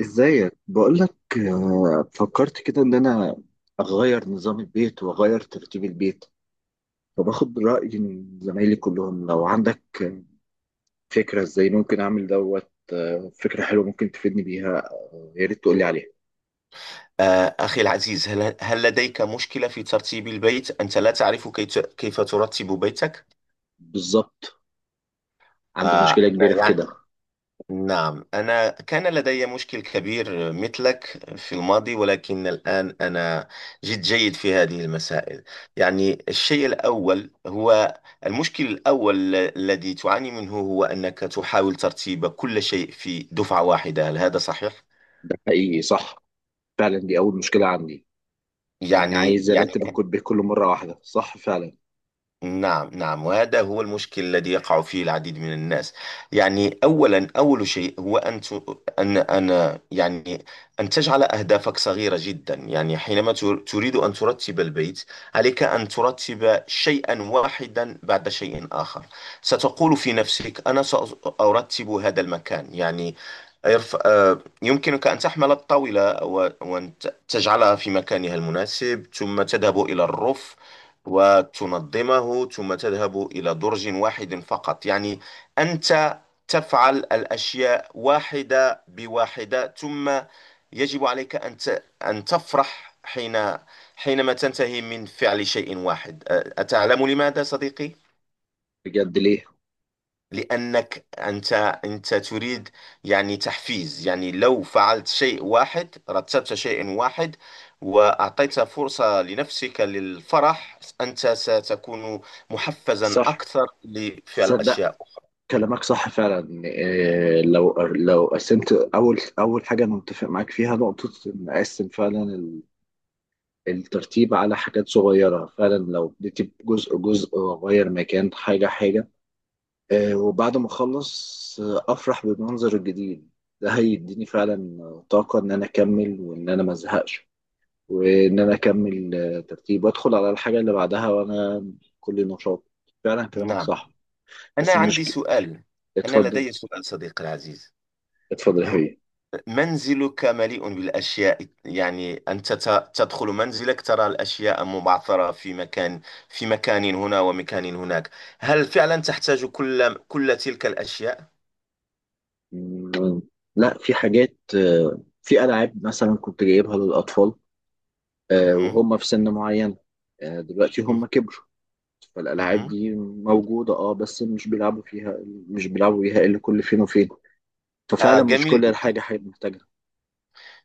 ازيك. بقولك، فكرت كده ان انا اغير نظام البيت واغير ترتيب البيت، فباخد رأي من زمايلي كلهم. لو عندك، فكرة ازاي ممكن اعمل دوت. فكرة حلوة ممكن تفيدني بيها، يا ريت تقولي عليها. أخي العزيز، هل لديك مشكلة في ترتيب البيت؟ أنت لا تعرف كيف ترتب بيتك؟ بالظبط، عندي مشكلة أنا، كبيرة في يعني، كده. نعم، أنا كان لدي مشكل كبير مثلك في الماضي، ولكن الآن أنا جد جيد في هذه المسائل. يعني الشيء الأول هو المشكل الأول الذي تعاني منه هو أنك تحاول ترتيب كل شيء في دفعة واحدة، هل هذا صحيح؟ ده حقيقي صح، فعلا دي اول مشكلة عندي، اني يعني عايز يعني ارتب الكود بكل مرة واحدة. صح فعلا. نعم، نعم، وهذا هو المشكل الذي يقع فيه العديد من الناس. يعني أولا، أول شيء هو أن يعني أن تجعل أهدافك صغيرة جدا. يعني حينما تريد أن ترتب البيت، عليك أن ترتب شيئا واحدا بعد شيء آخر. ستقول في نفسك: أنا سأرتب هذا المكان، يعني يرف... آه، يمكنك أن تحمل الطاولة وأن تجعلها في مكانها المناسب، ثم تذهب إلى الرف وتنظمه، ثم تذهب إلى درج واحد فقط. يعني أنت تفعل الأشياء واحدة بواحدة، ثم يجب عليك أن تفرح حينما تنتهي من فعل شيء واحد. أتعلم لماذا صديقي؟ بجد ليه؟ لأنك أنت تريد، يعني، تحفيز. يعني لو فعلت شيء واحد، رتبت شيء واحد، وأعطيت فرصة لنفسك للفرح، أنت ستكون محفزا صح. أكثر لفعل تصدق أشياء أخرى. كلامك صح فعلا. لو قسمت اول حاجه، انا متفق معاك فيها نقطه، ان اقسم فعلا الترتيب على حاجات صغيره. فعلا لو اديت جزء واغير مكان حاجه. وبعد ما اخلص، افرح بالمنظر الجديد. ده هيديني فعلا طاقه ان انا اكمل وان انا ما ازهقش، وان انا اكمل ترتيب وادخل على الحاجه اللي بعدها، وانا كل نشاط. فعلا كلامك نعم. صح. أنا بس عندي المشكله. سؤال. أنا اتفضل. لدي سؤال صديقي العزيز. اتفضل يا حبيبي. منزلك مليء بالأشياء، يعني أنت تدخل منزلك، ترى الأشياء مبعثرة في مكان، في مكان هنا ومكان هناك. هل فعلا تحتاج كل تلك الأشياء؟ مم، لا. في حاجات، في ألعاب مثلا كنت جايبها للأطفال، مهم. وهم في سن معين. دلوقتي هم كبروا، فالألعاب مهم. دي موجودة اه بس مش بيلعبوا فيها. مش بيلعبوا بيها إلا كل فين وفين. ففعلا مش جميل كل جدا. الحاجة حاجة محتاجها.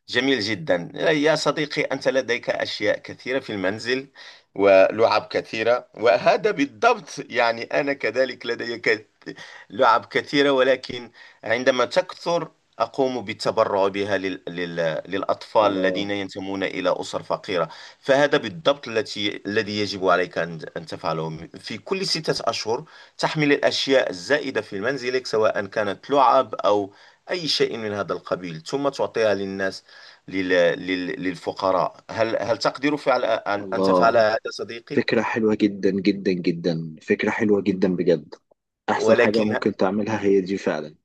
جميل جدا يا صديقي، أنت لديك أشياء كثيرة في المنزل ولعب كثيرة، وهذا بالضبط. يعني أنا كذلك لدي لعب كثيرة، ولكن عندما تكثر أقوم بالتبرع بها للأطفال الذين الله. ينتمون إلى أسر فقيرة. فهذا بالضبط الذي يجب عليك أن تفعله في كل 6 أشهر. تحمل الأشياء الزائدة في منزلك، سواء كانت لعب أو أي شيء من هذا القبيل، ثم تعطيها للناس، لل... للفقراء. هل تقدر أن تفعل الله، هذا صديقي؟ فكرة حلوة جدا جدا جدا. فكرة حلوة جدا بجد. أحسن حاجة ولكن، ممكن تعملها هي دي فعلا.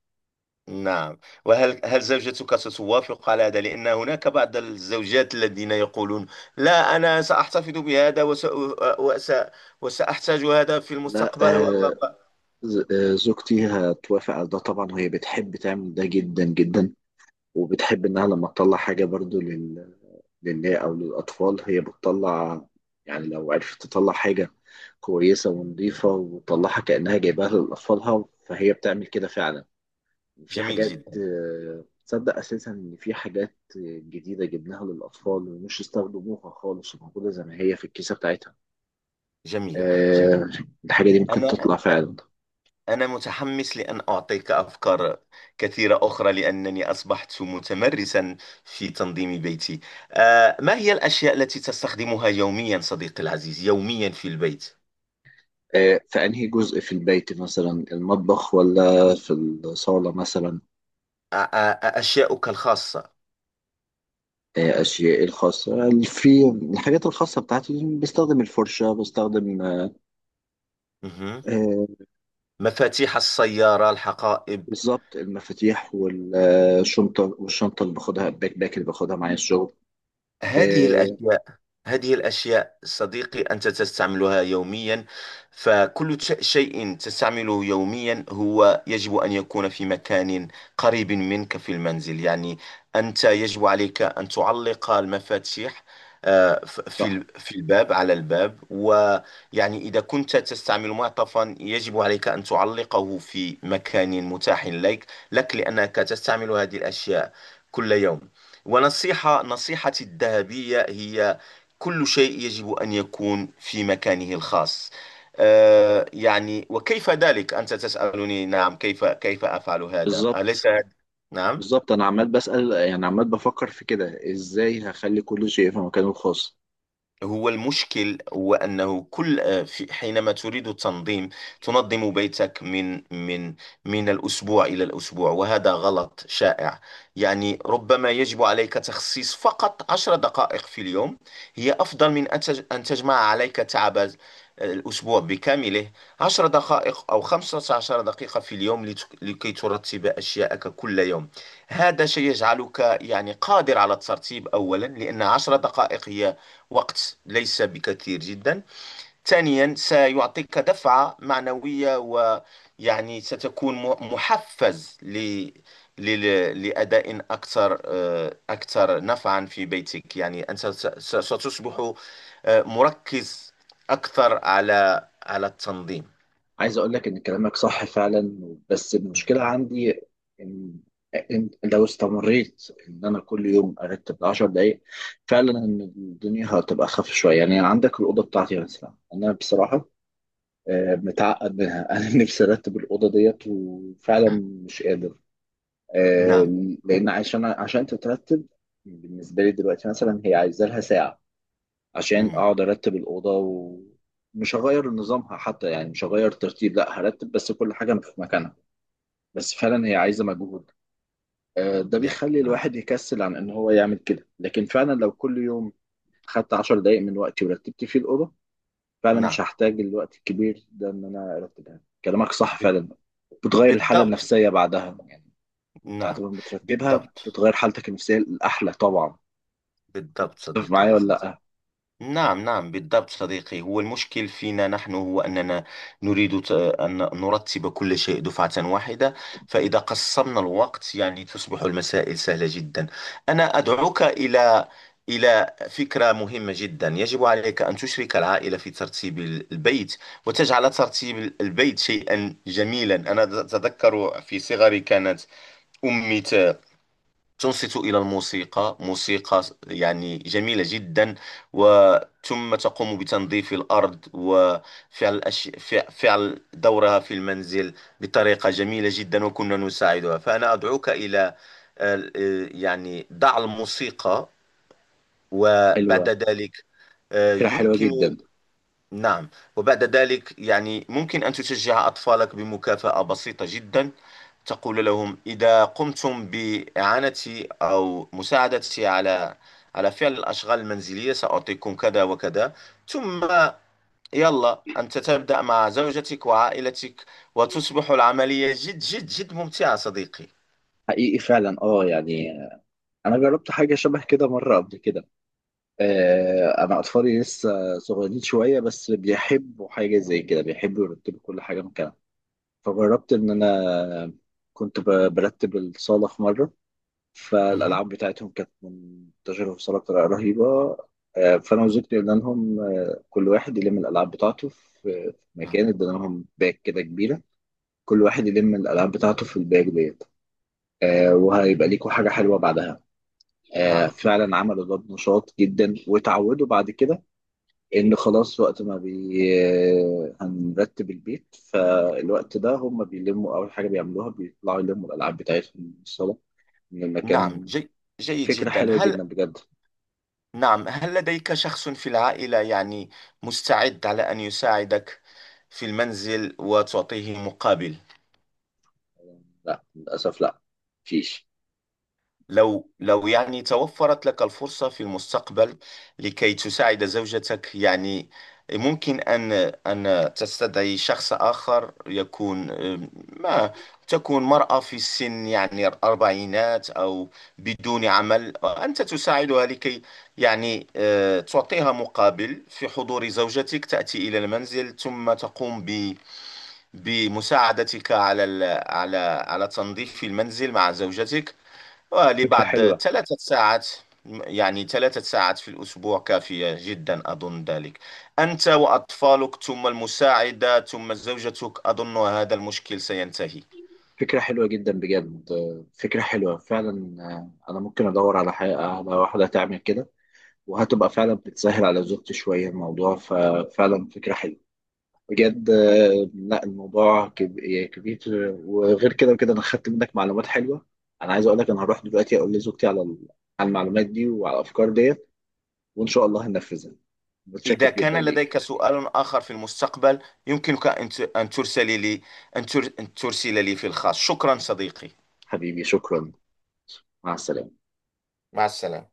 نعم. وهل زوجتك ستوافق على هذا؟ لأن هناك بعض الزوجات الذين يقولون: لا، أنا سأحتفظ بهذا وس... وسأحتاج هذا في لا. المستقبل آه، و-" زوجتي هتوافق على ده طبعا، وهي بتحب تعمل ده جدا جدا، وبتحب انها لما تطلع حاجه برضو للناس او للاطفال. هي بتطلع يعني لو عرفت تطلع حاجه كويسه ونظيفه وتطلعها كانها جايباها لاطفالها، فهي بتعمل كده فعلا. في جميل حاجات، جدا. تصدق اساسا ان في حاجات جديده جبناها للاطفال ومش استخدموها خالص، وموجوده زي ما هي في الكيسه بتاعتها. جميل. جميل. آه، الحاجه دي ممكن أنا تطلع فعلا. أنا متحمس لأن أعطيك أفكار كثيرة أخرى، لأنني أصبحت متمرسا في تنظيم بيتي. ما هي الأشياء التي تستخدمها يوميا صديقي العزيز؟ يوميا في البيت. في انهي جزء في البيت؟ مثلا المطبخ ولا في الصاله مثلا؟ أشياؤك الخاصة. أشيائي الخاصة، في الحاجات الخاصة بتاعتي، بستخدم الفرشة، بستخدم مهم. آه، مفاتيح السيارة، الحقائب، بالظبط المفاتيح والشنطة، والشنطة اللي باخدها الباك باك اللي باخدها معايا الشغل. هذه آه، الأشياء هذه الأشياء صديقي، أنت تستعملها يوميا. فكل شيء تستعمله يوميا هو يجب أن يكون في مكان قريب منك في المنزل. يعني أنت يجب عليك أن تعلق المفاتيح صح. في الباب، على الباب. ويعني إذا كنت تستعمل معطفا، يجب عليك أن تعلقه في مكان متاح لك، لأنك تستعمل هذه الأشياء كل يوم. نصيحتي الذهبية هي: كل شيء يجب أن يكون في مكانه الخاص. يعني، وكيف ذلك؟ أنت تسألني، نعم، كيف أفعل هذا؟ أليس بالظبط. هذا- نعم. بالظبط أنا عمال بسأل، يعني عمال بفكر في كده إزاي هخلي كل شيء في مكانه الخاص. هو المشكل هو أنه حينما تريد التنظيم، تنظم بيتك من الأسبوع إلى الأسبوع، وهذا غلط شائع. يعني ربما يجب عليك تخصيص فقط 10 دقائق في اليوم، هي أفضل من أن تجمع عليك تعب الأسبوع بكامله. 10 دقائق أو 15 دقيقة في اليوم لكي ترتب أشياءك كل يوم. هذا شيء يجعلك، يعني، قادر على الترتيب. أولا، لأن 10 دقائق هي وقت ليس بكثير جدا. ثانيا، سيعطيك دفعة معنوية، ويعني ستكون محفز لأداء أكثر نفعا في بيتك. يعني أنت ستصبح مركز أكثر على التنظيم. عايز اقول لك ان كلامك صح فعلا، بس المشكله مهم. عندي ان، إن لو استمريت ان انا كل يوم ارتب 10 دقائق، فعلا ان الدنيا هتبقى اخف شويه. يعني عندك الاوضه بتاعتي مثلا، انا بصراحه متعقد منها انا نفسي ارتب الاوضه ديت وفعلا مش قادر، نعم. لان عشان تترتب بالنسبه لي دلوقتي مثلا، هي عايزه لها ساعه عشان مم. اقعد ارتب الاوضه. ومش هغير نظامها حتى، يعني مش هغير ترتيب، لا هرتب بس كل حاجه في مكانها، بس فعلا هي عايزه مجهود. ده يا بيخلي نعم، الواحد يكسل عن ان هو يعمل كده. لكن فعلا لو كل يوم خدت 10 دقائق من وقتي ورتبت فيه الاوضه، فعلا مش نعم، هحتاج الوقت الكبير ده ان انا ارتبها. كلامك صح فعلا، بتغير الحاله بالضبط. النفسيه بعدها. يعني بعد نعم، ما بترتبها بالضبط. بتغير حالتك النفسيه الاحلى طبعا. بالضبط تتفق صديقي معايا ولا العزيز. لا؟ نعم، نعم، بالضبط صديقي. هو المشكل فينا نحن هو أننا نريد أن نرتب كل شيء دفعة واحدة. فإذا قسمنا الوقت، يعني، تصبح المسائل سهلة جدا. أنا أدعوك إلى فكرة مهمة جدا: يجب عليك أن تشرك العائلة في ترتيب البيت، وتجعل ترتيب البيت شيئا جميلا. أنا أتذكر في صغري كانت أمي تنصت إلى الموسيقى، موسيقى يعني جميلة جدا، وثم تقوم بتنظيف الأرض وفعل فعل دورها في المنزل بطريقة جميلة جدا، وكنا نساعدها. فأنا أدعوك إلى، آه، يعني، ضع الموسيقى، وبعد حلوه، ذلك فكره حلوه يمكن. جدا. نعم. وبعد ذلك يعني ممكن أن تشجع أطفالك بمكافأة بسيطة جدا. تقول لهم: إذا قمتم بإعانتي أو مساعدتي على فعل الأشغال المنزلية، سأعطيكم كذا وكذا. ثم، يلا، أنت تبدأ مع زوجتك وعائلتك، وتصبح العملية جد جد جد ممتعة صديقي. حقيقي فعلا اه، يعني انا جربت حاجه شبه كده مره قبل كده. انا اطفالي لسه صغيرين شويه، بس بيحبوا حاجه زي كده، بيحبوا يرتبوا كل حاجه مكانها. فجربت ان انا كنت برتب الصاله في مره، مهم. فالالعاب بتاعتهم كانت منتشره في الصاله بطريقه رهيبه. فانا وزوجتي قلنا لهم، كل واحد يلم الالعاب بتاعته في، في نعم، مكان، ادينا لهم باك كده كبيره. كل واحد يلم الالعاب بتاعته في الباك ديت، وهيبقى ليكوا حاجه حلوه بعدها. نعم، فعلا عملوا ده بنشاط جدا، وتعودوا بعد كده ان خلاص وقت ما بي، هنرتب البيت، فالوقت ده هم بيلموا. اول حاجه بيعملوها بيطلعوا يلموا الالعاب بتاعتهم من الصاله، من نعم. المكان. جيد فكره جدا. حلوه جدا هل- بجد. نعم، هل لديك شخص في العائلة، يعني، مستعد على أن يساعدك في المنزل وتعطيه مقابل؟ لا للاسف لا، مفيش. لو، يعني، توفرت لك الفرصة في المستقبل لكي تساعد زوجتك، يعني، ممكن أن تستدعي شخص آخر، يكون، ما تكون مرأة في السن، يعني الأربعينات، أو بدون عمل. أنت تساعدها لكي، يعني، تعطيها مقابل، في حضور زوجتك، تأتي إلى المنزل ثم تقوم بمساعدتك على ال- على على تنظيف المنزل مع زوجتك، فكره ولبعض حلوه. 3 ساعات. يعني 3 ساعات في الأسبوع كافية جدا، أظن ذلك. أنت وأطفالك، ثم المساعدة، ثم زوجتك، أظن هذا المشكل سينتهي. فكره حلوه جدا بجد، فكره حلوه فعلا. انا ممكن ادور على حاجه، على واحده تعمل كده، وهتبقى فعلا بتسهل على زوجتي شويه الموضوع، ففعلا فكره حلوه بجد. لا الموضوع يعني كبير، وغير كده وكده انا خدت منك معلومات حلوه. انا عايز اقول لك انا هروح دلوقتي اقول لزوجتي على على المعلومات دي وعلى الافكار ديت، وان شاء الله هننفذها. متشكر إذا جدا كان ليك. لديك سؤال آخر في المستقبل، يمكنك أن ترسل لي، أن ترسل لي في الخاص. شكرا صديقي. حبيبي شكرا. مع السلامه. مع السلامة.